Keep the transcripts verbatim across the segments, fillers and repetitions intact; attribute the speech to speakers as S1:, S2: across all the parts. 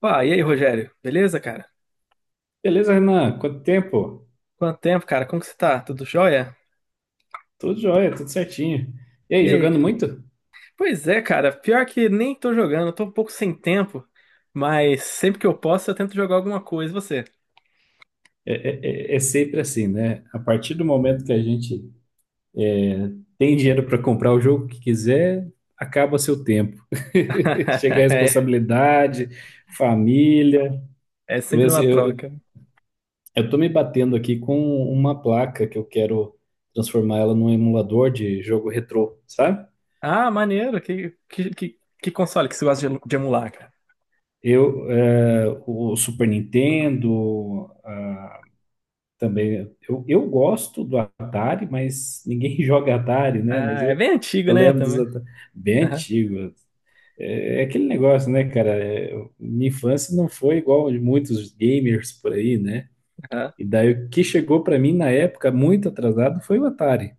S1: Pá, e aí, Rogério? Beleza, cara?
S2: Beleza, Renan? Quanto tempo?
S1: Quanto tempo, cara? Como que você tá? Tudo jóia?
S2: Tudo jóia, tudo certinho. E
S1: E
S2: aí,
S1: aí?
S2: jogando muito?
S1: Pois é, cara. Pior que nem tô jogando, tô um pouco sem tempo, mas sempre que eu posso eu tento jogar alguma coisa. E você?
S2: É, é- é- é sempre assim, né? A partir do momento que a gente tem dinheiro para comprar o jogo que quiser, acaba seu tempo. Chega a
S1: É,
S2: responsabilidade, família.
S1: é
S2: Eu,
S1: sempre uma
S2: assim, eu,
S1: troca.
S2: eu tô me batendo aqui com uma placa que eu quero transformar ela num emulador de jogo retrô, sabe?
S1: Ah, maneiro. Que, que, que, que console que você gosta de, de emular, cara?
S2: Eu, é, o Super Nintendo, também. Eu, eu gosto do Atari, mas ninguém joga Atari, né?
S1: Ah,
S2: Mas
S1: é
S2: eu,
S1: bem antigo,
S2: eu
S1: né,
S2: lembro dos
S1: também.
S2: Atari, bem
S1: Aham,
S2: antigos. É, é aquele negócio, né, cara? É, minha infância não foi igual a de muitos gamers por aí, né?
S1: aham.
S2: E daí o que chegou para mim na época, muito atrasado, foi o Atari.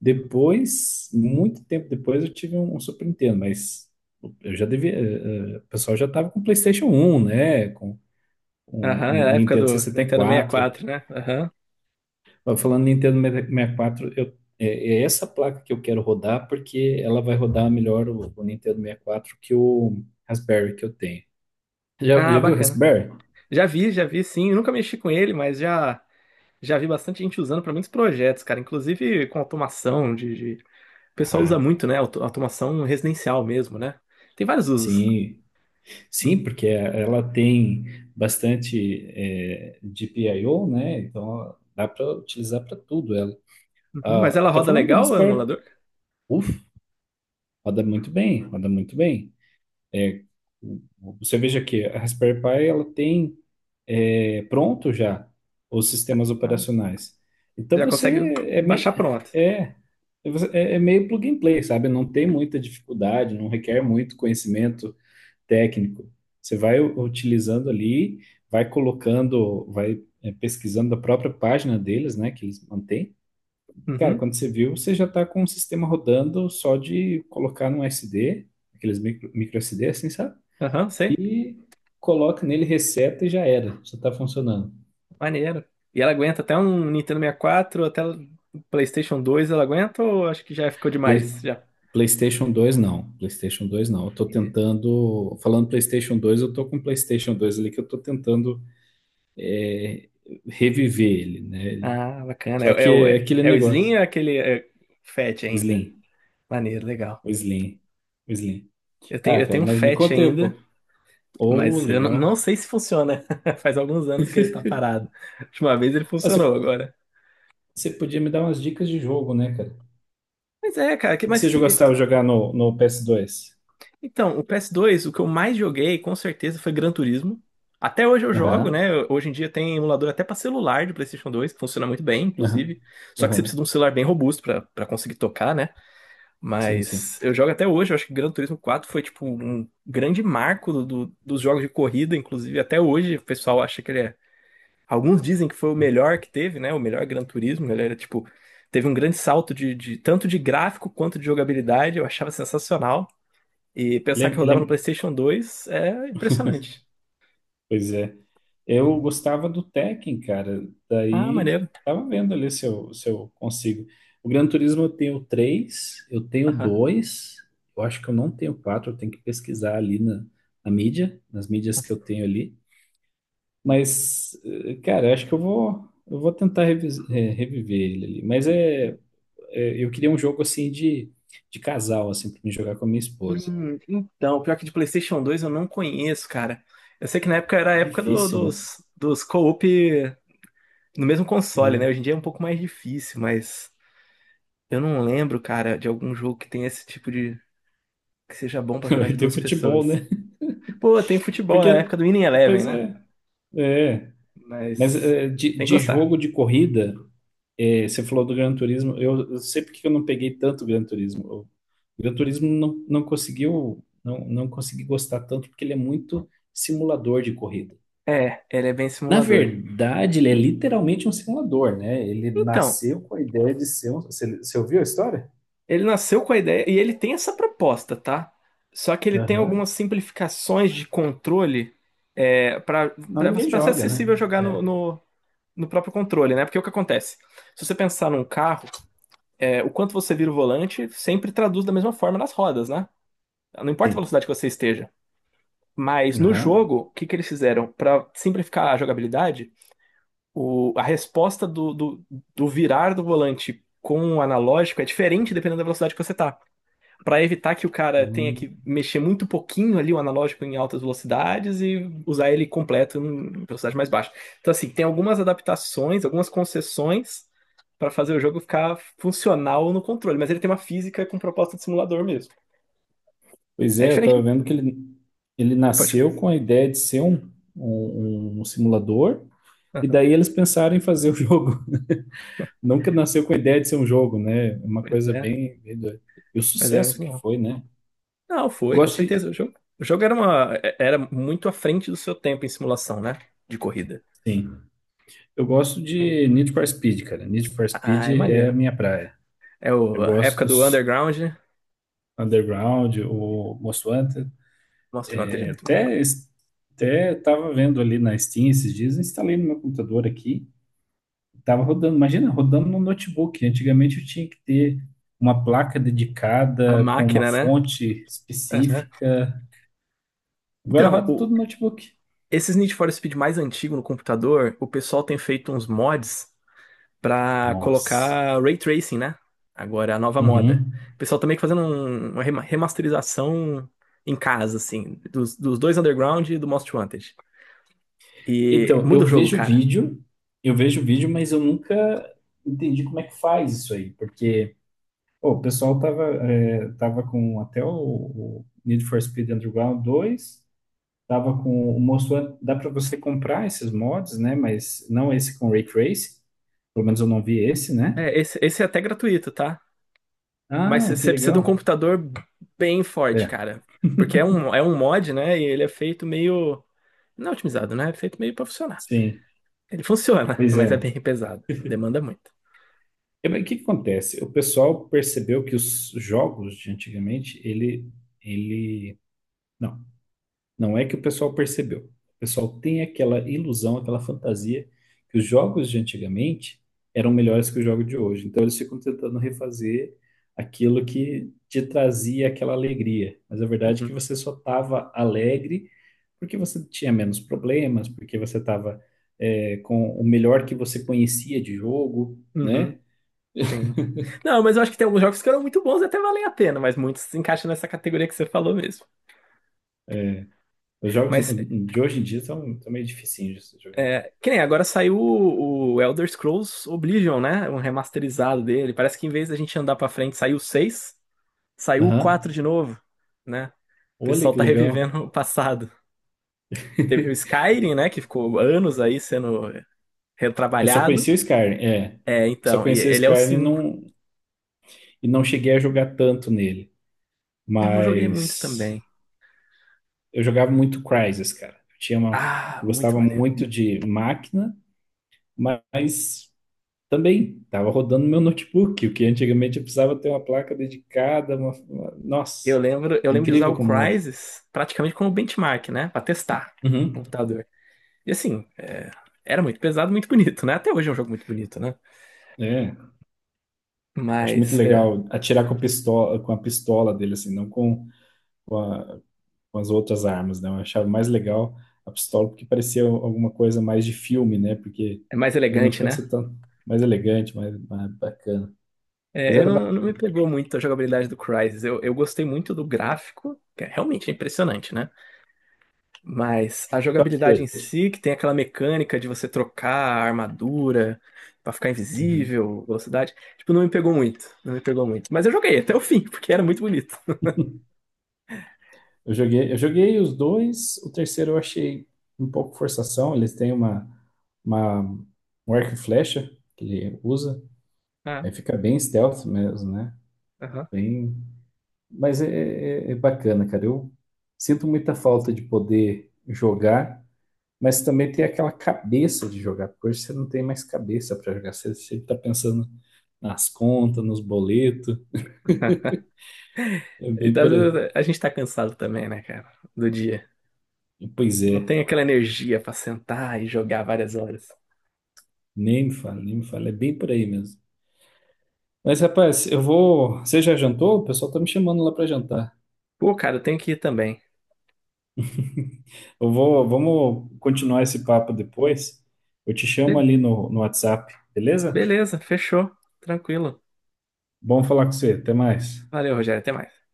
S2: Depois, muito tempo depois, eu tive um, um Super Nintendo, mas eu já devia. eh, eh, O pessoal já tava com PlayStation um, né? Com um
S1: Aham, é a época
S2: Nintendo
S1: do
S2: sessenta e
S1: Nintendo
S2: quatro.
S1: sessenta e quatro, né? Aham.
S2: Ó, falando Nintendo sessenta e quatro, eu, é, é essa placa que eu quero rodar porque ela vai rodar melhor o, o Nintendo sessenta e quatro que o Raspberry que eu tenho. Já,
S1: Ah,
S2: já viu o
S1: bacana.
S2: Raspberry?
S1: Já vi, já vi, sim. Eu nunca mexi com ele, mas já. Já vi bastante gente usando para muitos projetos, cara, inclusive com automação de, de- O pessoal usa
S2: Ah,
S1: muito, né? auto- Automação residencial mesmo, né? Tem vários usos.
S2: sim. Sim, porque ela tem bastante é, G P I O, né? Então dá para utilizar para tudo ela.
S1: Uhum. Mas
S2: Ah,
S1: ela
S2: tô
S1: roda
S2: falando do
S1: legal, o
S2: Raspberry.
S1: emulador?
S2: Uf, roda muito bem, roda muito bem. O- o- Você veja que a Raspberry Pi ela tem é, pronto já os sistemas
S1: Ah,
S2: operacionais. Então
S1: já
S2: você
S1: consegue
S2: é, me-
S1: baixar pronto.
S2: é, é, é meio plug and play, sabe? Não tem muita dificuldade, não requer muito conhecimento técnico. Você vai u- utilizando ali, vai colocando, vai é, pesquisando a própria página deles, né, que eles mantêm. Cara,
S1: Uhum,
S2: quando você viu, você já está com o sistema rodando só de colocar num S D, aqueles micro, micro S D, assim, sabe?
S1: aham, sei.
S2: E coloca nele, reseta e já era, já está funcionando.
S1: Maneiro. E ela aguenta até um Nintendo sessenta e quatro, até o PlayStation dois, ela aguenta ou acho que já ficou demais?
S2: Play-
S1: Já.
S2: PlayStation dois não, PlayStation dois não. Eu tô
S1: Entendi.
S2: tentando, falando PlayStation dois, eu tô com o PlayStation dois ali que eu tô tentando é, reviver ele, né? Ele-
S1: Ah, bacana.
S2: Só
S1: É, é
S2: que
S1: o,
S2: é
S1: é,
S2: aquele
S1: é o Slim
S2: negócio,
S1: ou é aquele é, Fat
S2: o
S1: ainda?
S2: Slim,
S1: Maneiro, legal.
S2: o Slim, o Slim.
S1: Eu tenho,
S2: Ah,
S1: eu
S2: cara,
S1: tenho um
S2: mas me
S1: Fat
S2: conta aí um
S1: ainda.
S2: pouco. Oh,
S1: Mas eu n-
S2: legal.
S1: não sei se funciona. Faz alguns anos que ele tá parado. Última vez ele
S2: Ah,
S1: funcionou
S2: você,
S1: agora.
S2: você podia me dar umas dicas de jogo, né, cara? O
S1: Mas é, cara, que,
S2: que que
S1: mas
S2: você
S1: que.
S2: gostava de jogar no, no ps dois?
S1: Então, o P S dois, o que eu mais joguei, com certeza, foi Gran Turismo. Até hoje eu jogo,
S2: Aham,
S1: né? Hoje em dia tem emulador até pra celular de PlayStation dois, que funciona muito bem,
S2: aham,
S1: inclusive. Só que você precisa de
S2: aham.
S1: um celular bem robusto pra para conseguir tocar, né?
S2: Sim, sim.
S1: Mas eu jogo até hoje. Eu acho que Gran Turismo quatro foi, tipo, um grande marco do, do- dos jogos de corrida, inclusive. Até hoje o pessoal acha que ele é. Alguns dizem que foi o melhor que teve, né? O melhor Gran Turismo. Ele era tipo, teve um grande salto de, de- tanto de gráfico quanto de jogabilidade. Eu achava sensacional. E pensar que
S2: Lembra,
S1: rodava no PlayStation dois é impressionante.
S2: pois é. Eu gostava do Tekken, cara.
S1: Ah,
S2: Daí
S1: maneiro.
S2: tava vendo ali se eu, se eu consigo. O Gran Turismo eu tenho três, eu tenho
S1: Aham.
S2: dois. Eu acho que eu não tenho quatro, eu tenho que pesquisar ali na, na mídia, nas mídias que eu tenho ali. Mas, eh, cara, eu acho que eu vou, eu vou tentar revis- eh, reviver ele ali. Mas é, é, eu queria um jogo assim de, de casal, assim, pra me jogar com a minha esposa.
S1: Hum, então, pior que de PlayStation dois eu não conheço, cara. Eu sei que na época era a época do-
S2: Difícil, né?
S1: dos, dos co-op no mesmo console, né? Hoje
S2: É.
S1: em dia é um pouco mais difícil, mas eu não lembro, cara, de algum jogo que tenha esse tipo de, que seja bom pra jogar
S2: Vai
S1: de
S2: ter
S1: duas
S2: futebol,
S1: pessoas.
S2: né?
S1: Pô, tem futebol,
S2: Porque,
S1: né? Na época do Winning Eleven,
S2: pois
S1: né?
S2: é. É, mas
S1: Mas
S2: é, de,
S1: tem que
S2: de
S1: gostar.
S2: jogo de corrida, é, você falou do Gran Turismo, eu, eu sei porque que eu não peguei tanto Gran Turismo. O Gran Turismo não, não conseguiu, não, não consegui gostar tanto porque ele é muito simulador de corrida.
S1: É, ele é bem
S2: Na
S1: simulador.
S2: verdade, ele é literalmente um simulador, né? Ele
S1: Então,
S2: nasceu com a ideia de ser um. Você, você ouviu a história?
S1: ele nasceu com a ideia e ele tem essa proposta, tá? Só que ele tem
S2: Aham.
S1: algumas simplificações de controle é, para
S2: Não, ninguém
S1: para ser
S2: joga, né?
S1: acessível jogar no,
S2: É.
S1: no, no próprio controle, né? Porque o que acontece? Se você pensar num carro, é, o quanto você vira o volante sempre traduz da mesma forma nas rodas, né? Não importa a
S2: Sim.
S1: velocidade que você esteja. Mas no jogo, o que que eles fizeram? Para simplificar a jogabilidade, o, a resposta do, do, do virar do volante com o analógico é diferente dependendo da velocidade que você tá. Pra evitar que o cara tenha
S2: Aham.
S1: que mexer muito pouquinho ali o analógico em altas velocidades e usar ele completo em velocidade mais baixa. Então, assim, tem algumas adaptações, algumas concessões pra fazer o jogo ficar funcional no controle, mas ele tem uma física com proposta de simulador mesmo.
S2: Pois
S1: É
S2: é, eu estava
S1: diferente.
S2: vendo que ele, ele
S1: Pode
S2: nasceu
S1: falar.
S2: com a ideia de ser um, um, um simulador, e
S1: Aham.
S2: daí eles pensaram em fazer o jogo. Nunca nasceu com a ideia de ser um jogo, né? É uma
S1: Pois
S2: coisa
S1: é,
S2: bem, bem doida. E o
S1: mas é
S2: sucesso
S1: muito
S2: que
S1: bom.
S2: foi, né?
S1: Não,
S2: Eu
S1: foi, com
S2: gosto de,
S1: certeza. O jogo, o jogo era uma, é- era muito à frente do seu tempo em simulação, né? De corrida.
S2: sim, eu gosto de Need for Speed, cara. Need for
S1: Ah,
S2: Speed
S1: é
S2: é a
S1: maneiro.
S2: minha praia.
S1: É o,
S2: Eu
S1: a
S2: gosto
S1: época do
S2: dos
S1: Underground, né?
S2: Underground, o Most Wanted.
S1: Nossa, o Underground é
S2: É,
S1: muito bom.
S2: Até, até estava vendo ali na Steam esses dias, instalei no meu computador aqui. Tava rodando, imagina, rodando no notebook. Antigamente eu tinha que ter uma placa
S1: A
S2: dedicada com uma
S1: máquina, né?
S2: fonte
S1: É, né?
S2: específica. Agora
S1: Então,
S2: roda tudo
S1: o-
S2: no notebook.
S1: esses Need for Speed mais antigos no computador, o pessoal tem feito uns mods pra
S2: Nossa.
S1: colocar ray tracing, né? Agora é a nova moda.
S2: Uhum.
S1: O pessoal tá meio que fazendo um- uma rema- remasterização em casa, assim, dos, dos dois Underground e do Most Wanted. E
S2: Então, eu
S1: muda o jogo,
S2: vejo
S1: cara.
S2: vídeo, eu vejo vídeo, mas eu nunca entendi como é que faz isso aí, porque pô, o pessoal tava, é, tava com até o, o Need for Speed Underground dois. Tava com o mostrou, dá para você comprar esses mods, né? Mas não esse com Ray Trace. Pelo menos eu não vi esse, né?
S1: É, esse, esse é até gratuito, tá? Mas
S2: Ah, que
S1: você precisa de um
S2: legal.
S1: computador bem forte,
S2: É,
S1: cara. Porque é um, é um mod, né? E ele é feito meio. Não é otimizado, né? É feito meio pra funcionar.
S2: sim.
S1: Ele funciona,
S2: Pois
S1: mas
S2: é.
S1: é bem pesado. Demanda muito.
S2: E, mas o que que acontece? O pessoal percebeu que os jogos de antigamente, ele, ele, não, não é que o pessoal percebeu. O pessoal tem aquela ilusão, aquela fantasia que os jogos de antigamente eram melhores que o jogo de hoje. Então eles ficam tentando refazer aquilo que te trazia aquela alegria. Mas a verdade é
S1: Uhum,
S2: que você só estava alegre porque você tinha menos problemas, porque você estava com o melhor que você conhecia de jogo,
S1: uhum,
S2: né?
S1: sim. Não, mas eu acho que tem alguns jogos que eram muito bons e até valem a pena, mas muitos se encaixam nessa categoria que você falou mesmo.
S2: Os jogos
S1: Mas
S2: de hoje em dia são, são meio dificinhos de se jogar.
S1: é, que nem agora saiu o, o Elder Scrolls Oblivion, né? Um remasterizado dele. Parece que em vez da gente andar pra frente, saiu o seis, saiu o
S2: Aham.
S1: quatro de novo, né? O
S2: Olha
S1: pessoal
S2: que
S1: tá
S2: legal.
S1: revivendo o passado. Teve o Skyrim, né? Que ficou anos aí sendo
S2: Eu só
S1: retrabalhado.
S2: conheci o Skyrim, é. Eu
S1: É,
S2: só
S1: então, e
S2: conheci o
S1: ele é o
S2: Skyrim e
S1: cinco.
S2: não, e não cheguei a jogar tanto nele.
S1: Eu não joguei muito
S2: Mas
S1: também.
S2: eu jogava muito Crysis, cara. Eu tinha uma,
S1: Ah,
S2: eu
S1: muito
S2: gostava
S1: maneiro.
S2: muito de máquina, mas também tava rodando no meu notebook, o que antigamente eu precisava ter uma placa dedicada, uma, uma-
S1: Eu
S2: nossa,
S1: lembro, eu
S2: é
S1: lembro de usar
S2: incrível
S1: o
S2: como muda.
S1: Crysis praticamente como benchmark, né? Pra testar o
S2: Uhum.
S1: computador. E assim, é, era muito pesado, muito bonito, né? Até hoje é um jogo muito bonito, né?
S2: É, acho muito
S1: Mas é,
S2: legal atirar com a pistola, com a pistola dele, assim, não com, com a- umas outras armas, né? Eu achava mais legal a pistola porque parecia alguma coisa mais de filme, né? Porque
S1: é mais
S2: geralmente
S1: elegante,
S2: quando
S1: né?
S2: você tá mais elegante, mais, mais bacana. Mas
S1: É, eu
S2: era ba-
S1: não, não me pegou muito a jogabilidade do Crysis. Eu, eu gostei muito do gráfico, que é realmente impressionante, né? Mas a
S2: Call of
S1: jogabilidade em
S2: Duty.
S1: si, que tem aquela mecânica de você trocar a armadura pra ficar
S2: Uhum.
S1: invisível, velocidade, tipo, não me pegou muito. Não me pegou muito. Mas eu joguei até o fim, porque era muito bonito.
S2: Eu joguei, eu joguei os dois, o terceiro eu achei um pouco forçação, eles têm uma, uma um arco e flecha que ele usa,
S1: Ah,
S2: aí fica bem stealth mesmo, né?
S1: aham.
S2: Bem, mas é, é é bacana, cara. Eu sinto muita falta de poder jogar mas também ter aquela cabeça de jogar, porque hoje você não tem mais cabeça para jogar, você sempre está pensando nas contas, nos boletos, é
S1: E
S2: bem
S1: às
S2: por aí.
S1: vezes a gente tá cansado também, né, cara? Do dia.
S2: E, Pois
S1: Não
S2: é,
S1: tem aquela energia pra sentar e jogar várias horas.
S2: nem me fala, nem me fala, é bem por aí mesmo. Mas rapaz, eu vou. Você já jantou? O pessoal tá me chamando lá para jantar.
S1: Pô, cara, eu tenho que ir também.
S2: Eu vou, vamos continuar esse papo depois. Eu te chamo
S1: Be-
S2: ali no, no WhatsApp, beleza?
S1: Beleza, fechou. Tranquilo.
S2: Bom falar com você, até mais.
S1: Valeu, Rogério. Até mais.